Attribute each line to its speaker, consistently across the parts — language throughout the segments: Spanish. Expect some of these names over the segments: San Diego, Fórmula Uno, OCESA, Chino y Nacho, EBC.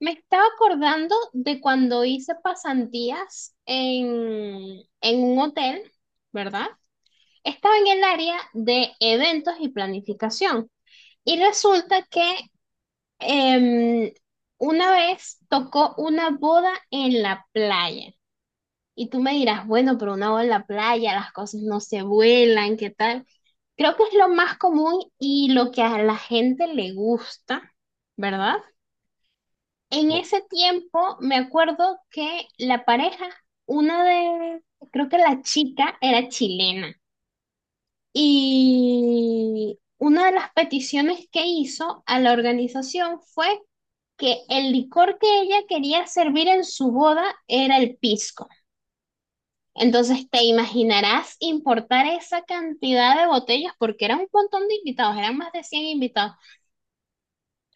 Speaker 1: Me estaba acordando de cuando hice pasantías en un hotel, ¿verdad? Estaba en el área de eventos y planificación. Y resulta que em, una vez tocó una boda en la playa. Y tú me dirás, bueno, pero una boda en la playa, las cosas no se vuelan, ¿qué tal? Creo que es lo más común y lo que a la gente le gusta, ¿verdad? En
Speaker 2: No.
Speaker 1: ese tiempo me acuerdo que la pareja, una de, creo que la chica era chilena y una de las peticiones que hizo a la organización fue que el licor que ella quería servir en su boda era el pisco. Entonces te imaginarás importar esa cantidad de botellas porque era un montón de invitados, eran más de 100 invitados.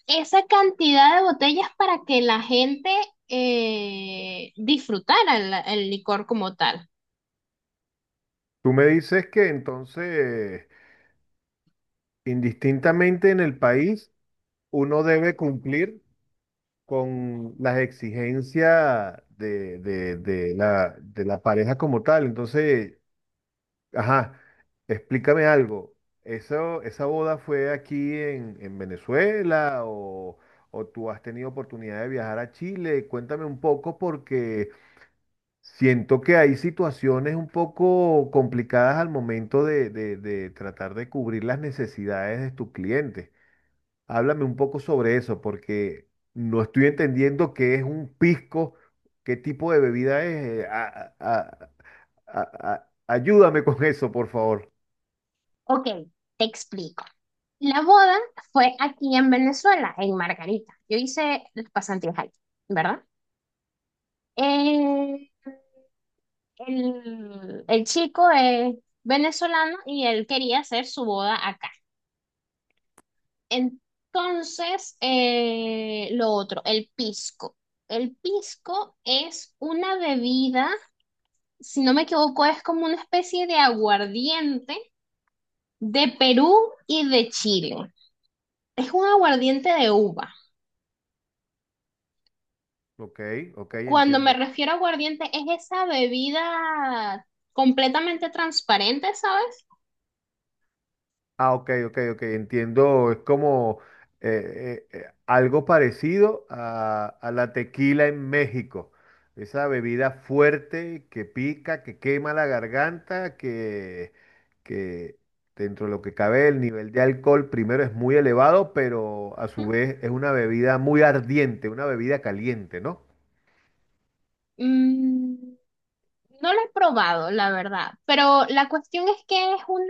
Speaker 1: Esa cantidad de botellas para que la gente disfrutara el licor como tal.
Speaker 2: Tú me dices que entonces, indistintamente en el país, uno debe cumplir con las exigencias de la pareja como tal. Entonces, ajá, explícame algo. ¿Eso, esa boda fue aquí en Venezuela, o tú has tenido oportunidad de viajar a Chile? Cuéntame un poco porque siento que hay situaciones un poco complicadas al momento de tratar de cubrir las necesidades de tus clientes. Háblame un poco sobre eso, porque no estoy entendiendo qué es un pisco, qué tipo de bebida es. Ayúdame con eso, por favor.
Speaker 1: Ok, te explico. La boda fue aquí en Venezuela, en Margarita. Yo hice las pasantías ahí, ¿verdad? Eh, el chico es venezolano y él quería hacer su boda acá. Entonces, lo otro, el pisco. El pisco es una bebida, si no me equivoco, es como una especie de aguardiente de Perú y de Chile. Es un aguardiente de uva.
Speaker 2: Ok, ok,
Speaker 1: Cuando me
Speaker 2: entiendo.
Speaker 1: refiero a aguardiente, es esa bebida completamente transparente, ¿sabes?
Speaker 2: Ah, ok, ok, ok, entiendo. Es como algo parecido a la tequila en México. Esa bebida fuerte que pica, que quema la garganta, que dentro de lo que cabe, el nivel de alcohol primero es muy elevado, pero a su vez es una bebida muy ardiente, una bebida caliente, ¿no?
Speaker 1: Mm, no lo he probado, la verdad, pero la cuestión es que es un,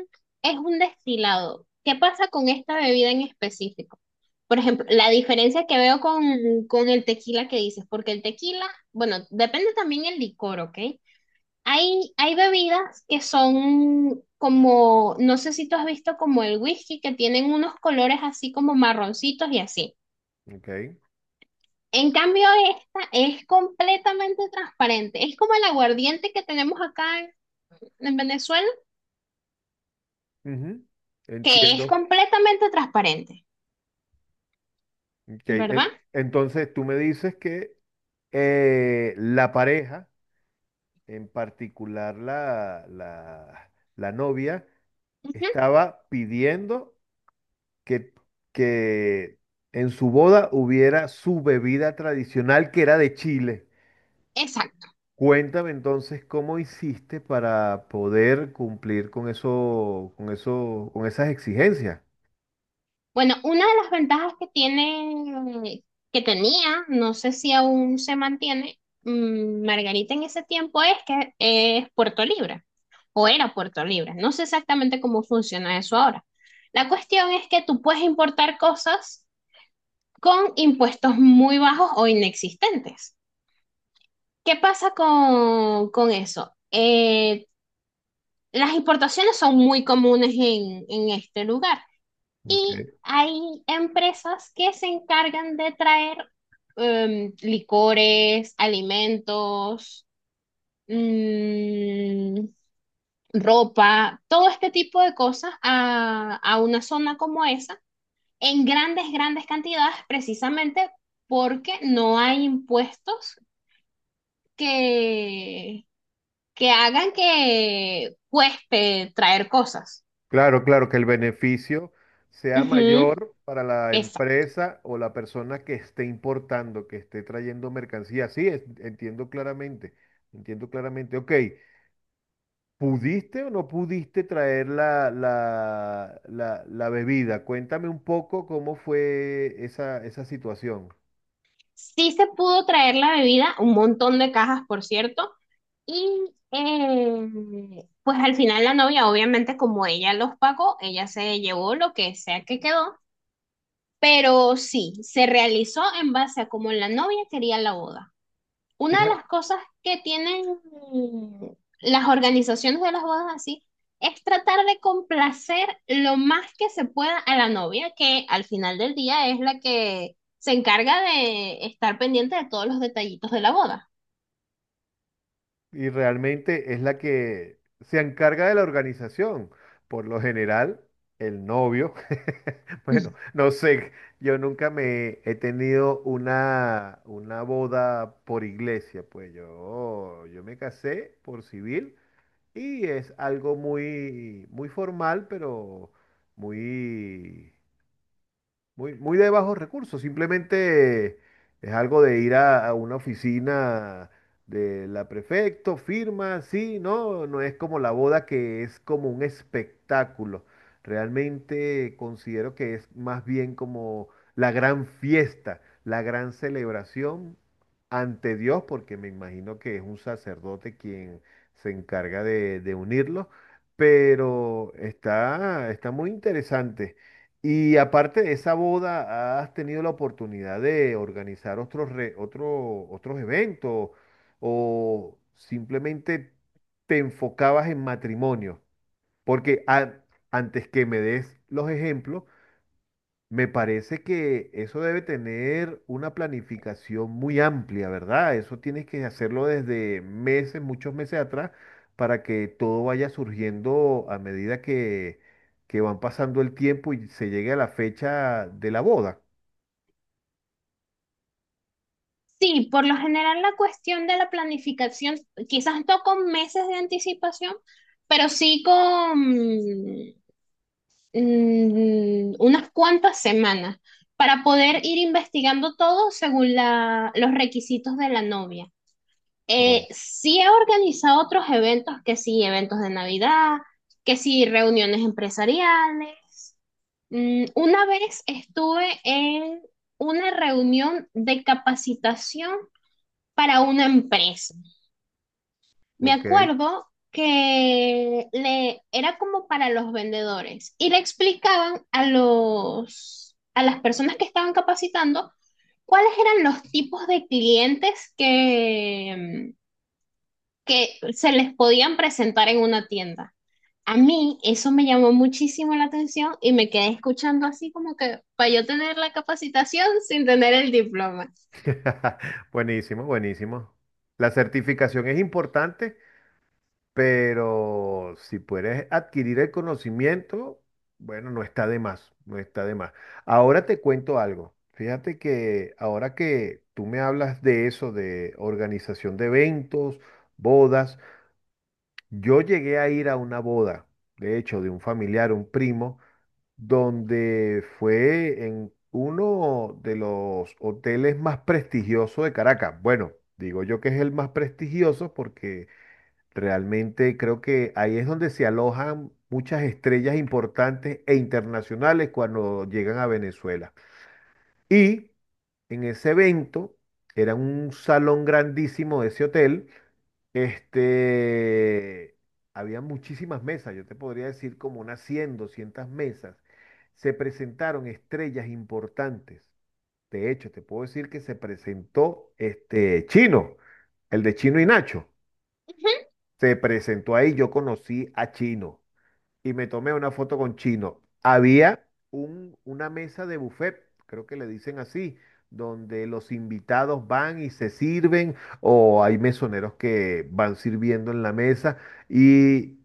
Speaker 1: es un destilado. ¿Qué pasa con esta bebida en específico? Por ejemplo, la diferencia que veo con, con el tequila, que dices, porque el tequila, bueno, depende también el licor, ¿ok? Hay bebidas que son como, no sé si tú has visto, como el whisky, que tienen unos colores así como marroncitos y así.
Speaker 2: Ok,
Speaker 1: En cambio, esta es completamente transparente. Es como el aguardiente que tenemos acá en Venezuela,
Speaker 2: ujú,
Speaker 1: que es
Speaker 2: entiendo.
Speaker 1: completamente transparente,
Speaker 2: Ok,
Speaker 1: ¿verdad?
Speaker 2: entonces tú me dices que la pareja, en particular la novia,
Speaker 1: Ujú.
Speaker 2: estaba pidiendo que, que en su boda hubiera su bebida tradicional, que era de Chile. Cuéntame entonces cómo hiciste para poder cumplir con esas exigencias.
Speaker 1: Bueno, una de las ventajas que tiene, que tenía, no sé si aún se mantiene, Margarita en ese tiempo, es que es Puerto Libre, o era Puerto Libre. No sé exactamente cómo funciona eso ahora. La cuestión es que tú puedes importar cosas con impuestos muy bajos o inexistentes. ¿Qué pasa con eso? Las importaciones son muy comunes en este lugar. Y
Speaker 2: Ok.
Speaker 1: hay empresas que se encargan de traer licores, alimentos, mm, ropa, todo este tipo de cosas a una zona como esa en grandes, grandes cantidades, precisamente porque no hay impuestos que, que hagan que cueste traer cosas.
Speaker 2: Claro, claro, que el beneficio sea
Speaker 1: Ujú,
Speaker 2: mayor para la
Speaker 1: exacto.
Speaker 2: empresa o la persona que esté importando, que esté trayendo mercancía. Sí, entiendo claramente. Ok, ¿pudiste o no pudiste traer la bebida? Cuéntame un poco cómo fue esa situación.
Speaker 1: Sí se pudo traer la bebida, un montón de cajas, por cierto, y pues al final la novia, obviamente, como ella los pagó, ella se llevó lo que sea que quedó, pero sí, se realizó en base a como la novia quería la boda. Una de
Speaker 2: Fija-
Speaker 1: las cosas que tienen, mm, las organizaciones de las bodas así, es tratar de complacer lo más que se pueda a la novia, que al final del día es la que se encarga de estar pendiente de todos los detallitos de la boda.
Speaker 2: y realmente es la que se encarga de la organización. Por lo general, el novio, bueno, no sé, yo nunca me he tenido una boda por iglesia, pues yo me casé por civil y es algo muy, muy formal, pero muy, muy, muy de bajos recursos, simplemente es algo de ir a una oficina de la prefecto, firma, sí, no, no es como la boda, que es como un espectáculo. Realmente considero que es más bien como la gran fiesta, la gran celebración ante Dios, porque me imagino que es un sacerdote quien se encarga de unirlos, pero está muy interesante. Y aparte de esa boda, ¿has tenido la oportunidad de organizar otros eventos, o simplemente te enfocabas en matrimonio? Porque antes que me des los ejemplos, me parece que eso debe tener una planificación muy amplia, ¿verdad? Eso tienes que hacerlo desde meses, muchos meses atrás, para que todo vaya surgiendo a medida que van pasando el tiempo y se llegue a la fecha de la boda.
Speaker 1: Sí, por lo general la cuestión de la planificación, quizás no con meses de anticipación, pero sí con unas cuantas semanas, para poder ir investigando todo según los requisitos de la novia.
Speaker 2: Oh,
Speaker 1: Sí he organizado otros eventos, que sí, eventos de Navidad, que sí, reuniones empresariales. Mm, una vez estuve en una reunión de capacitación para una empresa. Me
Speaker 2: ok.
Speaker 1: acuerdo que le era como para los vendedores, y le explicaban a los a las personas que estaban capacitando cuáles eran los tipos de clientes que se les podían presentar en una tienda. A mí eso me llamó muchísimo la atención y me quedé escuchando así como que para yo tener la capacitación sin tener el diploma.
Speaker 2: Buenísimo, buenísimo. La certificación es importante, pero si puedes adquirir el conocimiento, bueno, no está de más, no está de más. Ahora te cuento algo. Fíjate que ahora que tú me hablas de eso, de organización de eventos, bodas, yo llegué a ir a una boda, de hecho, de un familiar, un primo, donde fue en uno de los hoteles más prestigiosos de Caracas. Bueno, digo yo que es el más prestigioso porque realmente creo que ahí es donde se alojan muchas estrellas importantes e internacionales cuando llegan a Venezuela. Y en ese evento, era un salón grandísimo de ese hotel, este, había muchísimas mesas, yo te podría decir como unas 100, 200 mesas. Se presentaron estrellas importantes. De hecho, te puedo decir que se presentó este Chino, el de Chino y Nacho.
Speaker 1: Ujú.
Speaker 2: Se presentó ahí, yo conocí a Chino y me tomé una foto con Chino. Había una mesa de buffet, creo que le dicen así, donde los invitados van y se sirven, o hay mesoneros que van sirviendo en la mesa. Y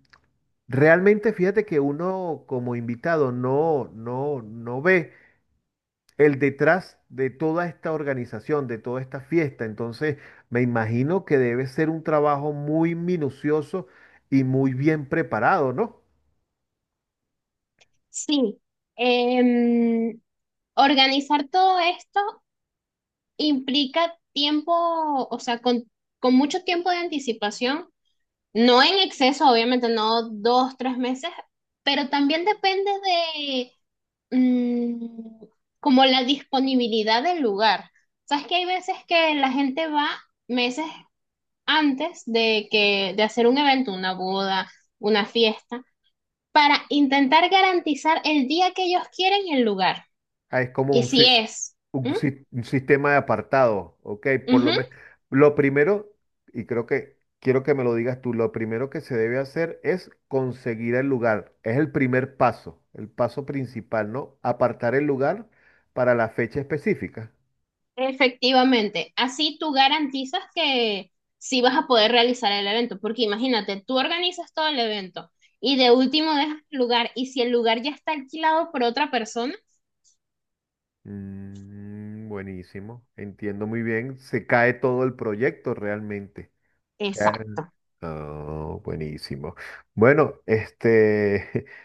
Speaker 2: realmente fíjate que uno como invitado no, no, no ve el detrás de toda esta organización, de toda esta fiesta. Entonces, me imagino que debe ser un trabajo muy minucioso y muy bien preparado, ¿no?
Speaker 1: Sí, em, organizar todo esto implica tiempo, o sea, con mucho tiempo de anticipación, no en exceso, obviamente, no dos, tres meses, pero también depende de mm, como la disponibilidad del lugar. Sabes que hay veces que la gente va meses antes de que de hacer un evento, una boda, una fiesta, para intentar garantizar el día que ellos quieren y el lugar.
Speaker 2: Ah, es como
Speaker 1: Y
Speaker 2: un,
Speaker 1: si
Speaker 2: ci-
Speaker 1: es,
Speaker 2: un,
Speaker 1: ¿Mm?
Speaker 2: sis- un sistema de apartado, ¿ok? Por
Speaker 1: Ujú.
Speaker 2: lo menos, lo primero, y creo que quiero que me lo digas tú, lo primero que se debe hacer es conseguir el lugar. Es el primer paso, el paso principal, ¿no? Apartar el lugar para la fecha específica.
Speaker 1: Efectivamente, así tú garantizas que sí vas a poder realizar el evento, porque imagínate, tú organizas todo el evento y de último dejas el lugar, y si el lugar ya está alquilado por otra persona,
Speaker 2: Mm, buenísimo, entiendo muy bien. Se cae todo el proyecto realmente. O sea,
Speaker 1: exacto.
Speaker 2: oh, buenísimo. Bueno,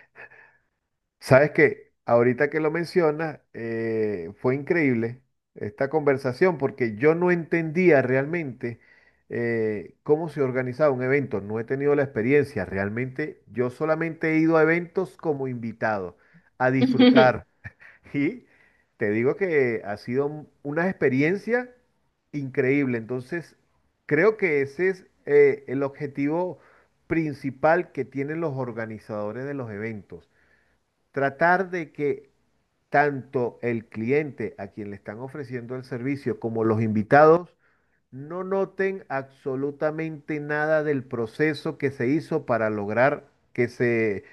Speaker 2: sabes que ahorita que lo mencionas, fue increíble esta conversación porque yo no entendía realmente cómo se organizaba un evento. No he tenido la experiencia. Realmente yo solamente he ido a eventos como invitado, a disfrutar. Y te digo que ha sido una experiencia increíble. Entonces, creo que ese es el objetivo principal que tienen los organizadores de los eventos. Tratar de que tanto el cliente a quien le están ofreciendo el servicio como los invitados no noten absolutamente nada del proceso que se hizo para lograr que se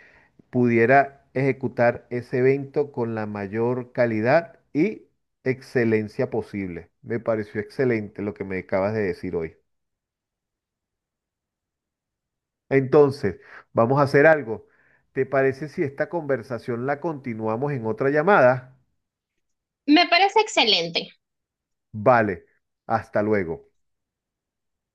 Speaker 2: pudiera ejecutar ese evento con la mayor calidad y excelencia posible. Me pareció excelente lo que me acabas de decir hoy. Entonces, vamos a hacer algo. ¿Te parece si esta conversación la continuamos en otra llamada?
Speaker 1: Me parece excelente.
Speaker 2: Vale, hasta luego.